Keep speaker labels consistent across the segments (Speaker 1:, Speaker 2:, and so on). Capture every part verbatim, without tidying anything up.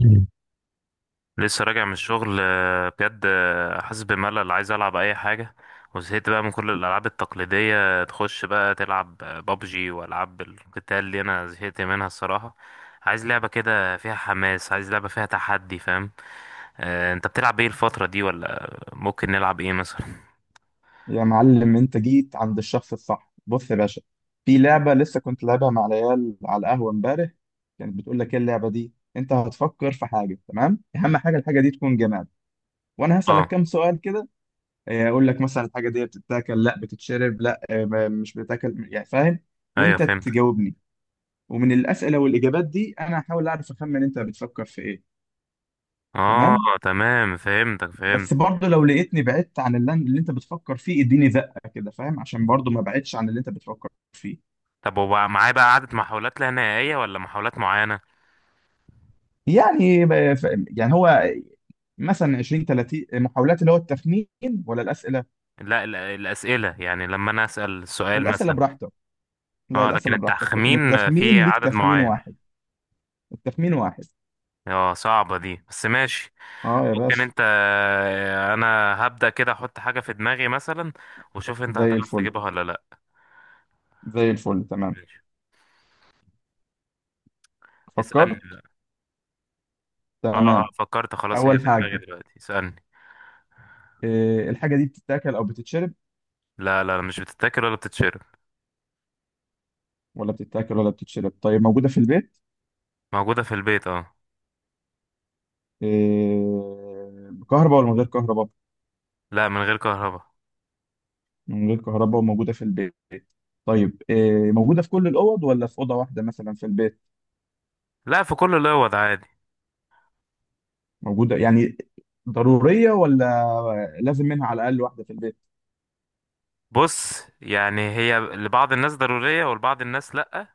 Speaker 1: مم. لسه راجع من الشغل، آه، بجد، آه، حاسس بملل، عايز العب اي حاجه. وزهقت بقى من كل الالعاب التقليديه، تخش بقى تلعب بابجي والعاب القتال اللي انا زهقت منها الصراحه. عايز لعبه كده فيها حماس، عايز لعبه فيها تحدي، فاهم؟ آه، انت بتلعب ايه الفتره دي؟ ولا ممكن نلعب ايه مثلا؟
Speaker 2: يا معلم، انت جيت عند الشخص الصح، بص يا باشا. في لعبة لسه كنت لعبها مع العيال على القهوة امبارح. كانت بتقول لك ايه اللعبة دي؟ انت هتفكر في حاجة، تمام؟ اهم حاجة الحاجة دي تكون جماد، وانا
Speaker 1: اه،
Speaker 2: هسألك كام سؤال كده. اه، اقول لك مثلا الحاجة دي بتتاكل؟ لا. بتتشرب؟ لا. اه، ما- مش بتتاكل، يعني فاهم؟
Speaker 1: ايوه
Speaker 2: وانت
Speaker 1: فهمتك.
Speaker 2: تجاوبني. ومن الأسئلة والإجابات دي انا هحاول اعرف اخمن انت بتفكر في ايه.
Speaker 1: اه،
Speaker 2: تمام.
Speaker 1: تمام، فهمتك فهمت.
Speaker 2: بس برضه لو لقيتني بعدت عن اللي اللي انت بتفكر فيه اديني زقة كده فاهم، عشان برضه ما بعدتش عن اللي انت بتفكر فيه.
Speaker 1: طب وبقى معايا بقى عدد محاولات لا نهائيه ولا محاولات معينه؟
Speaker 2: يعني ب- ف- يعني هو مثلا عشرين تلاتين محاولات اللي هو التخمين، ولا الأسئلة؟
Speaker 1: لا، ال- الاسئله يعني، لما انا اسال سؤال
Speaker 2: الأسئلة
Speaker 1: مثلا.
Speaker 2: براحتك. لا،
Speaker 1: اه، لكن
Speaker 2: الأسئلة براحتك، لكن
Speaker 1: التخمين في
Speaker 2: التخمين ليك
Speaker 1: عدد
Speaker 2: تخمين
Speaker 1: معين؟
Speaker 2: واحد. التخمين واحد.
Speaker 1: اه، صعبة دي بس ماشي.
Speaker 2: اه يا
Speaker 1: ممكن.
Speaker 2: باشا.
Speaker 1: انت آه، انا هبدأ كده احط حاجة في دماغي مثلا، وشوف انت
Speaker 2: زي
Speaker 1: هتعرف
Speaker 2: الفل.
Speaker 1: تجيبها ولا لا.
Speaker 2: زي الفل، تمام.
Speaker 1: ماشي، اسألني
Speaker 2: فكرت.
Speaker 1: بقى. اه اه،
Speaker 2: تمام.
Speaker 1: فكرت، خلاص هي
Speaker 2: أول
Speaker 1: في دماغي
Speaker 2: حاجة،
Speaker 1: دلوقتي، اسألني.
Speaker 2: إيه الحاجة دي بتتاكل أو بتتشرب؟
Speaker 1: لا لا لا، مش بتتاكل ولا بتتشرب.
Speaker 2: ولا بتتاكل ولا بتتشرب. طيب موجودة في البيت؟
Speaker 1: موجودة في البيت، اه.
Speaker 2: إيه، بكهرباء ولا من غير كهرباء؟
Speaker 1: لا، من غير كهرباء.
Speaker 2: من غير كهرباء، وموجودة في البيت. طيب إيه، موجودة في كل الأوض ولا في أوضة واحدة مثلا في البيت؟
Speaker 1: لا، في كل الاوض عادي.
Speaker 2: موجودة يعني، ضرورية، ولا لازم منها على الأقل واحدة في البيت؟
Speaker 1: بص، يعني هي لبعض الناس ضرورية ولبعض الناس لا،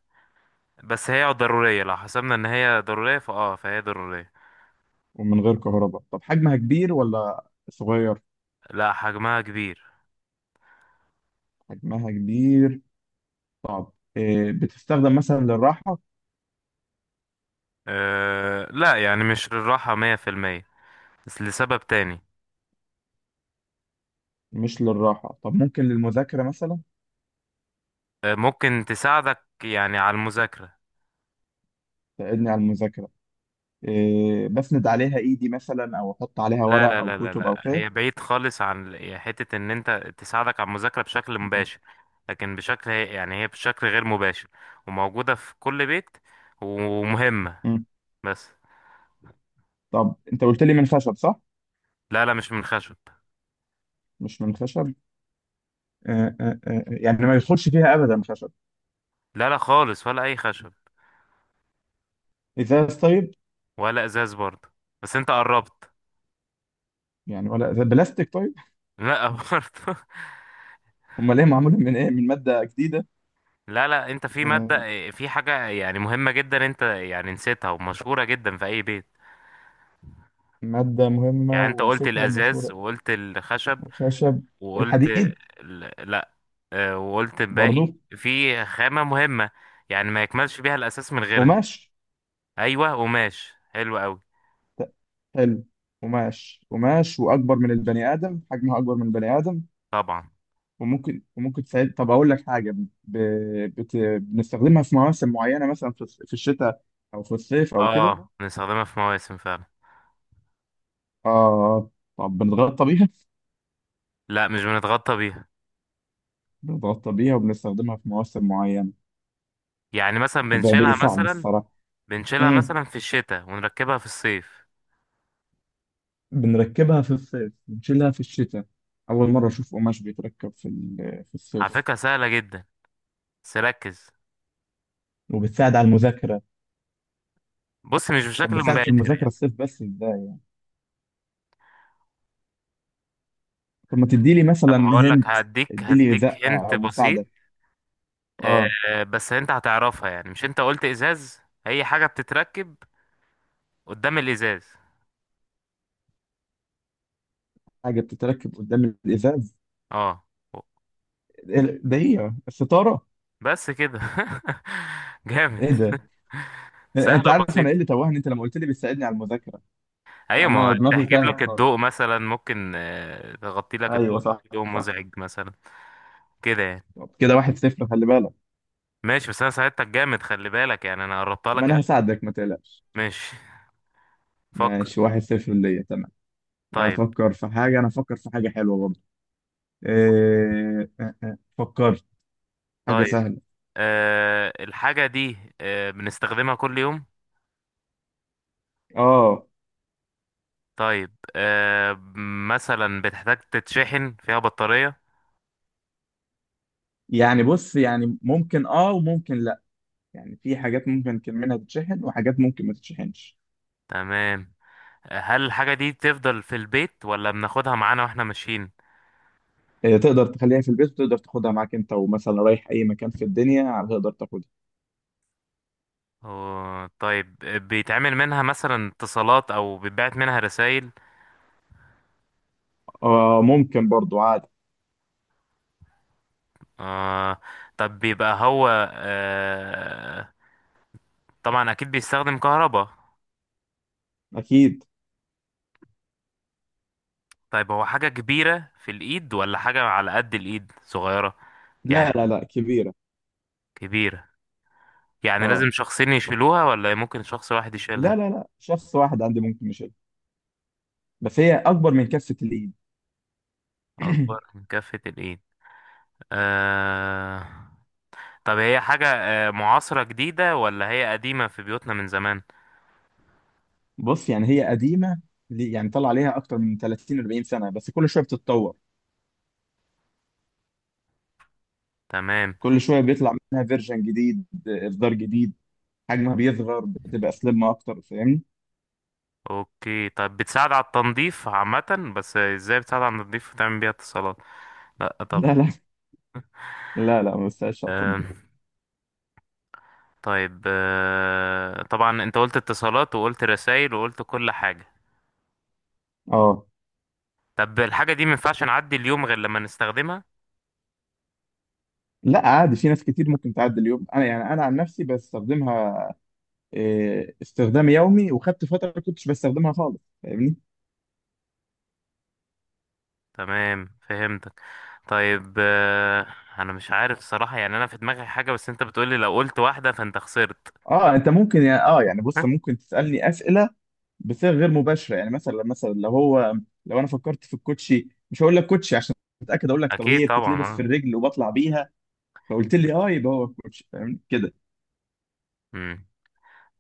Speaker 1: بس هي ضرورية، لو حسبنا ان هي ضرورية فاه فهي ضرورية.
Speaker 2: ومن غير كهرباء. طب حجمها كبير ولا صغير؟
Speaker 1: لا، حجمها كبير.
Speaker 2: حجمها كبير. طب إيه، بتستخدم مثلا للراحة؟
Speaker 1: أه لا، يعني مش للراحة مية في المية، بس لسبب تاني.
Speaker 2: مش للراحة. طب ممكن للمذاكرة مثلا؟
Speaker 1: أه، ممكن تساعدك يعني على المذاكرة.
Speaker 2: تساعدني على المذاكرة. إيه، بسند عليها إيدي مثلا أو أحط عليها
Speaker 1: لا لا
Speaker 2: ورق أو
Speaker 1: لا لا
Speaker 2: كتب أو
Speaker 1: لا،
Speaker 2: كده؟
Speaker 1: هي بعيد خالص عن ال- يعني حتة إن أنت تساعدك على المذاكرة بشكل
Speaker 2: مم.
Speaker 1: مباشر، لكن بشكل هي- يعني هي بشكل غير مباشر، وموجودة في كل بيت ومهمة
Speaker 2: مم.
Speaker 1: بس.
Speaker 2: طب أنت قلت لي من خشب، صح؟
Speaker 1: لا لا، مش من خشب.
Speaker 2: مش من خشب. آه، آه، آه، آه، يعني ما يدخلش فيها أبدا خشب؟
Speaker 1: لا لا خالص، ولا أي خشب.
Speaker 2: إزاز طيب.
Speaker 1: ولا إزاز برضه، بس أنت قربت.
Speaker 2: يعني ولا إزاز- بلاستيك طيب.
Speaker 1: لا برضه.
Speaker 2: امال ايه معموله، من ايه، من ماده جديده؟
Speaker 1: لا لا، انت في مادة
Speaker 2: آه،
Speaker 1: آه، في حاجة يعني مهمة جدا، انت يعني نسيتها ومشهورة جدا في اي بيت.
Speaker 2: ماده مهمه
Speaker 1: يعني انت قلت
Speaker 2: ونسيتها ومشهوره.
Speaker 1: الازاز وقلت الخشب
Speaker 2: الخشب.
Speaker 1: وقلت
Speaker 2: الحديد.
Speaker 1: ال- لا، اه، وقلت الباقي.
Speaker 2: برضو.
Speaker 1: في خامة مهمة، يعني ما يكملش بيها الاساس من غيرها.
Speaker 2: قماش.
Speaker 1: ايوه قماش، حلو قوي.
Speaker 2: ت- حلو. قماش، قماش، واكبر من البني ادم، حجمها اكبر من البني ادم.
Speaker 1: طبعا.
Speaker 2: وممكن وممكن تساعد. طب اقول لك حاجه، ب... بت... بنستخدمها في مواسم معينه، مثلا في, الص- في الشتاء او في الصيف او كده.
Speaker 1: اه، بنستخدمها في مواسم فعلا.
Speaker 2: اه. طب بنتغطى بيها؟
Speaker 1: لا، مش بنتغطى بيها.
Speaker 2: بنتغطى بيها وبنستخدمها في مواسم معينه.
Speaker 1: يعني مثلا
Speaker 2: الموضوع بقى
Speaker 1: بنشيلها
Speaker 2: صعب
Speaker 1: مثلا،
Speaker 2: الصراحه.
Speaker 1: بنشيلها
Speaker 2: إمم.
Speaker 1: مثلا في الشتاء ونركبها في الصيف.
Speaker 2: بنركبها في الصيف بنشيلها في الشتاء؟ أول مرة أشوف قماش بيتركب في ال- في
Speaker 1: على
Speaker 2: الصيف.
Speaker 1: فكرة سهلة جدا، بس ركز.
Speaker 2: وبتساعد على المذاكرة.
Speaker 1: بص، مش
Speaker 2: طب
Speaker 1: بشكل
Speaker 2: بتساعد في
Speaker 1: مباشر.
Speaker 2: المذاكرة الصيف بس إزاي؟ طب ما تدي لي مثلا.
Speaker 1: طب هقول لك،
Speaker 2: هنت.
Speaker 1: هديك
Speaker 2: ادي لي زقة
Speaker 1: هديك هنت
Speaker 2: أو
Speaker 1: بسيط.
Speaker 2: مساعدة. أه.
Speaker 1: آه بس انت هتعرفها، يعني مش انت قلت ازاز. هي حاجة بتتركب قدام الازاز.
Speaker 2: حاجة بتتركب قدام الإزاز.
Speaker 1: اه.
Speaker 2: إيه ده، هي الستارة؟
Speaker 1: بس كده جامد.
Speaker 2: إيه ده؟
Speaker 1: سهلة
Speaker 2: أنت عارف أنا إيه
Speaker 1: وبسيطة.
Speaker 2: اللي توهني؟ أنت لما قلت لي بتساعدني على المذاكرة
Speaker 1: ايوه، ما
Speaker 2: أنا
Speaker 1: هو
Speaker 2: دماغي
Speaker 1: تحجب
Speaker 2: تاهت
Speaker 1: لك
Speaker 2: خالص.
Speaker 1: الضوء مثلا، ممكن آه تغطي لك الضوء،
Speaker 2: أيوه صح.
Speaker 1: ضوء
Speaker 2: صح.
Speaker 1: مزعج مثلا، كده يعني.
Speaker 2: طب كده واحد صفر، خلي بالك.
Speaker 1: ماشي، بس انا ساعدتك جامد، خلي بالك، يعني انا قربتها
Speaker 2: ما
Speaker 1: لك
Speaker 2: أنا
Speaker 1: قوي.
Speaker 2: هساعدك ما تقلقش.
Speaker 1: ماشي. فكر.
Speaker 2: ماشي، واحد صفر ليا، تمام.
Speaker 1: طيب.
Speaker 2: افكر في حاجه. انا افكر في حاجه حلوه برضه. إيه... آه، آه، فكرت. حاجه
Speaker 1: طيب،
Speaker 2: سهله.
Speaker 1: آه الحاجة دي آه بنستخدمها كل يوم.
Speaker 2: اه
Speaker 1: طيب، آه مثلا بتحتاج تتشحن فيها بطارية.
Speaker 2: يعني بص، يعني ممكن اه وممكن لا. يعني في حاجات ممكن كان منها تتشحن وحاجات ممكن ما تتشحنش.
Speaker 1: تمام. هل الحاجة دي تفضل في البيت ولا بناخدها معانا واحنا ماشيين؟
Speaker 2: إيه، تقدر تخليها في البيت وتقدر تاخدها معاك، انت ومثلا رايح اي مكان في الدنيا هتقدر تاخدها.
Speaker 1: أوه، طيب، آه، بيتعمل منها مثلا اتصالات او بيتبعت منها رسائل؟
Speaker 2: اه ممكن برضو عادي.
Speaker 1: آه طب بيبقى هو، آه طبعا اكيد بيستخدم كهرباء.
Speaker 2: اكيد.
Speaker 1: طيب، هو حاجة كبيرة في الايد ولا حاجة على قد الايد صغيرة؟ يعني
Speaker 2: لا لا لا، كبيره.
Speaker 1: كبيرة، يعني لازم
Speaker 2: اه.
Speaker 1: شخصين يشيلوها ولا ممكن شخص واحد
Speaker 2: لا
Speaker 1: يشيلها؟
Speaker 2: لا لا، شخص واحد عندي ممكن يشيلها، بس هي اكبر من كفه الايد.
Speaker 1: اكبر من كفة الايد. آه... طب هي حاجة آه، معاصرة جديدة ولا هي قديمة في بيوتنا من زمان؟
Speaker 2: بص يعني هي قديمه. ليه- يعني طلع عليها اكتر من ثلاثين اربعين سنه، بس كل شويه بتتطور.
Speaker 1: تمام.
Speaker 2: كل شويه بيطلع منها فيرجن جديد، اصدار جديد. حجمها بيصغر، بتبقى سليم اكتر، فاهمني؟
Speaker 1: اوكي، طب بتساعد على التنظيف عامة؟ بس ازاي بتساعد على التنظيف وتعمل بيها اتصالات؟ لا طبعا.
Speaker 2: لا لا لا لا، ما بستاهلش على
Speaker 1: آه...
Speaker 2: التنظيف.
Speaker 1: طيب، آه... طبعا انت قلت اتصالات وقلت رسائل وقلت كل حاجة.
Speaker 2: اه.
Speaker 1: طب الحاجة دي مينفعش نعدي اليوم غير لما نستخدمها؟
Speaker 2: لا عادي، في ناس كتير ممكن تعدي اليوم، انا يعني انا عن نفسي بستخدمها. إيه، استخدام يومي، وخدت فتره ما كنتش بستخدمها خالص، فاهمني؟
Speaker 1: تمام فهمتك. طيب، آه... انا مش عارف الصراحة، يعني انا في دماغي حاجة، بس انت بتقولي لو قلت واحدة فانت خسرت.
Speaker 2: اه انت ممكن يا- اه يعني بص ممكن تسالني اسئله بصيغه غير مباشره. يعني مثلا مثلا لو هو، لو انا فكرت في الكوتشي مش هقول لك كوتشي عشان اتاكد، اقول لك طب
Speaker 1: اكيد
Speaker 2: هي
Speaker 1: طبعا،
Speaker 2: بتتلبس في
Speaker 1: اه.
Speaker 2: الرجل وبطلع بيها، فقلت لي اه، يبقى هو الكوتشي، فاهمني كده.
Speaker 1: امم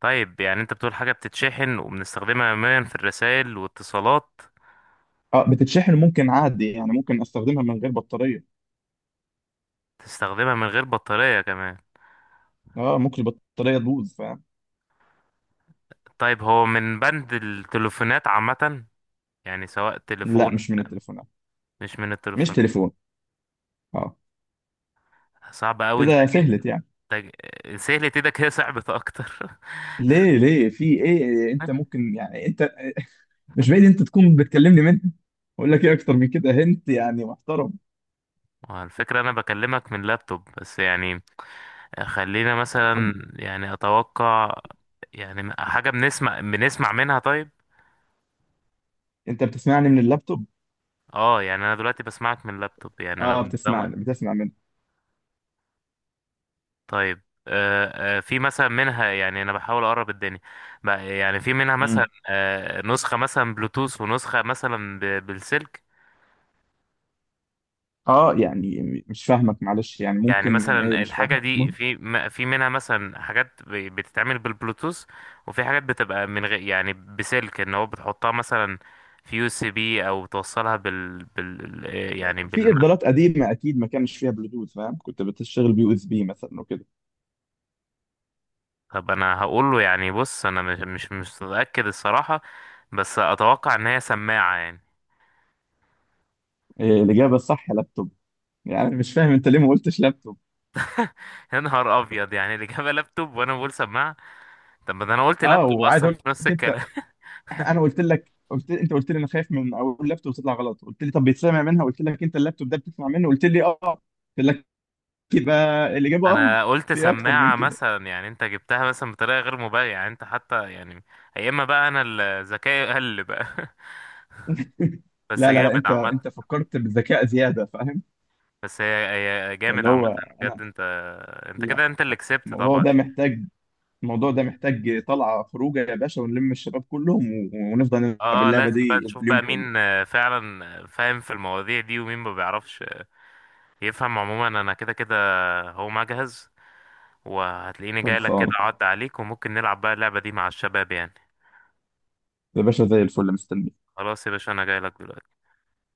Speaker 1: طيب، يعني انت بتقول حاجه بتتشحن وبنستخدمها يوميا في الرسائل والاتصالات؟
Speaker 2: اه بتتشحن ممكن عادي، يعني ممكن استخدمها من غير بطاريه.
Speaker 1: تستخدمها من غير بطاريه كمان؟
Speaker 2: اه ممكن البطاريه تبوظ، فاهم.
Speaker 1: طيب، هو من بند التليفونات عامه، يعني سواء
Speaker 2: لا،
Speaker 1: تليفون.
Speaker 2: مش من التليفونات.
Speaker 1: مش من
Speaker 2: مش
Speaker 1: التليفونات.
Speaker 2: تليفون. اه.
Speaker 1: صعب قوي انت.
Speaker 2: كده سهلت يعني.
Speaker 1: انت سهلة، ايدك هي صعبة اكتر.
Speaker 2: ليه ليه في ايه، انت ممكن يعني انت، مش بعيد انت تكون بتكلمني منها. اقول لك ايه اكتر من كده، هنت يعني محترم.
Speaker 1: وعلى الفكرة انا بكلمك من لابتوب، بس يعني خلينا
Speaker 2: آه،
Speaker 1: مثلا،
Speaker 2: طب
Speaker 1: يعني اتوقع، يعني حاجة بنسمع بنسمع منها؟ طيب.
Speaker 2: انت بتسمعني من اللابتوب.
Speaker 1: اه، يعني انا دلوقتي بسمعك من لابتوب، يعني
Speaker 2: اه
Speaker 1: انا ده.
Speaker 2: بتسمعني، بتسمع منه.
Speaker 1: طيب. آه، آه، في مثلا منها، يعني انا بحاول اقرب الدنيا، بقى- يعني في منها مثلا
Speaker 2: مم.
Speaker 1: آه، نسخة مثلا بلوتوث، ونسخة مثلا ب- بالسلك.
Speaker 2: اه يعني م- مش فاهمك معلش، يعني
Speaker 1: يعني
Speaker 2: ممكن ايه،
Speaker 1: مثلا
Speaker 2: مش
Speaker 1: الحاجة
Speaker 2: فاهم.
Speaker 1: دي في م- في منها مثلا حاجات ب- بتتعمل بالبلوتوث، وفي حاجات بتبقى من غير يعني بسلك، ان هو بتحطها مثلا في يو اس بي، او بتوصلها بال بال آه، يعني بال.
Speaker 2: في اصدارات قديمه اكيد ما كانش فيها بلوتوث فاهم، كنت بتشتغل بيو اس بي مثلا وكده.
Speaker 1: طب انا هقول له، يعني بص انا مش مش مش متأكد الصراحة، بس اتوقع ان هي سماعة يعني.
Speaker 2: إيه الاجابه الصح؟ لابتوب. يعني أنا مش فاهم انت ليه ما قلتش لابتوب.
Speaker 1: يا نهار ابيض، يعني اللي جاب لابتوب وانا بقول سماعه. طب ما ده انا قلت
Speaker 2: اه،
Speaker 1: لابتوب
Speaker 2: وعايز
Speaker 1: اصلا
Speaker 2: اقول
Speaker 1: في نص
Speaker 2: لك انت،
Speaker 1: الكلام.
Speaker 2: انا قلت لك، قلت انت قلت لي، انا خايف من اقول لابتوب تطلع غلط، قلت لي طب بيتسمع منها، قلت لك انت اللابتوب ده بتسمع منه، قلت لي اه، قلت لك يبقى الاجابه اه.
Speaker 1: انا قلت
Speaker 2: في إيه اكتر من
Speaker 1: سماعه
Speaker 2: كده؟
Speaker 1: مثلا، يعني انت جبتها مثلا بطريقه غير مبالغه، يعني انت حتى يعني. يا اما بقى انا ال- ذكائي قل بقى. بس
Speaker 2: لا لا لا،
Speaker 1: جامد
Speaker 2: انت
Speaker 1: عامه.
Speaker 2: انت فكرت بالذكاء زياده، فاهم.
Speaker 1: بس هي، هي جامد
Speaker 2: اللي
Speaker 1: عامه.
Speaker 2: هو
Speaker 1: بجد
Speaker 2: انا.
Speaker 1: انت. انت
Speaker 2: لا.
Speaker 1: كده انت اللي كسبت
Speaker 2: الموضوع
Speaker 1: طبعا.
Speaker 2: ده محتاج، الموضوع ده محتاج طلعة خروجة يا باشا، ونلم الشباب كلهم و- ونفضل نلعب
Speaker 1: اه، آه،
Speaker 2: اللعبة
Speaker 1: لازم بقى
Speaker 2: دي
Speaker 1: نشوف
Speaker 2: اليوم
Speaker 1: بقى
Speaker 2: كله.
Speaker 1: مين آه، فعلا آه، فاهم في المواضيع دي، ومين ما بيعرفش، آه، يفهم عموما، انا كده كده هو مجهز، وهتلاقيني جاي لك كده
Speaker 2: خلصانة
Speaker 1: اعد عليك، وممكن نلعب بقى اللعبه دي مع الشباب يعني.
Speaker 2: يا باشا، زي الفل، مستني.
Speaker 1: خلاص يا باشا، انا جاي لك دلوقتي.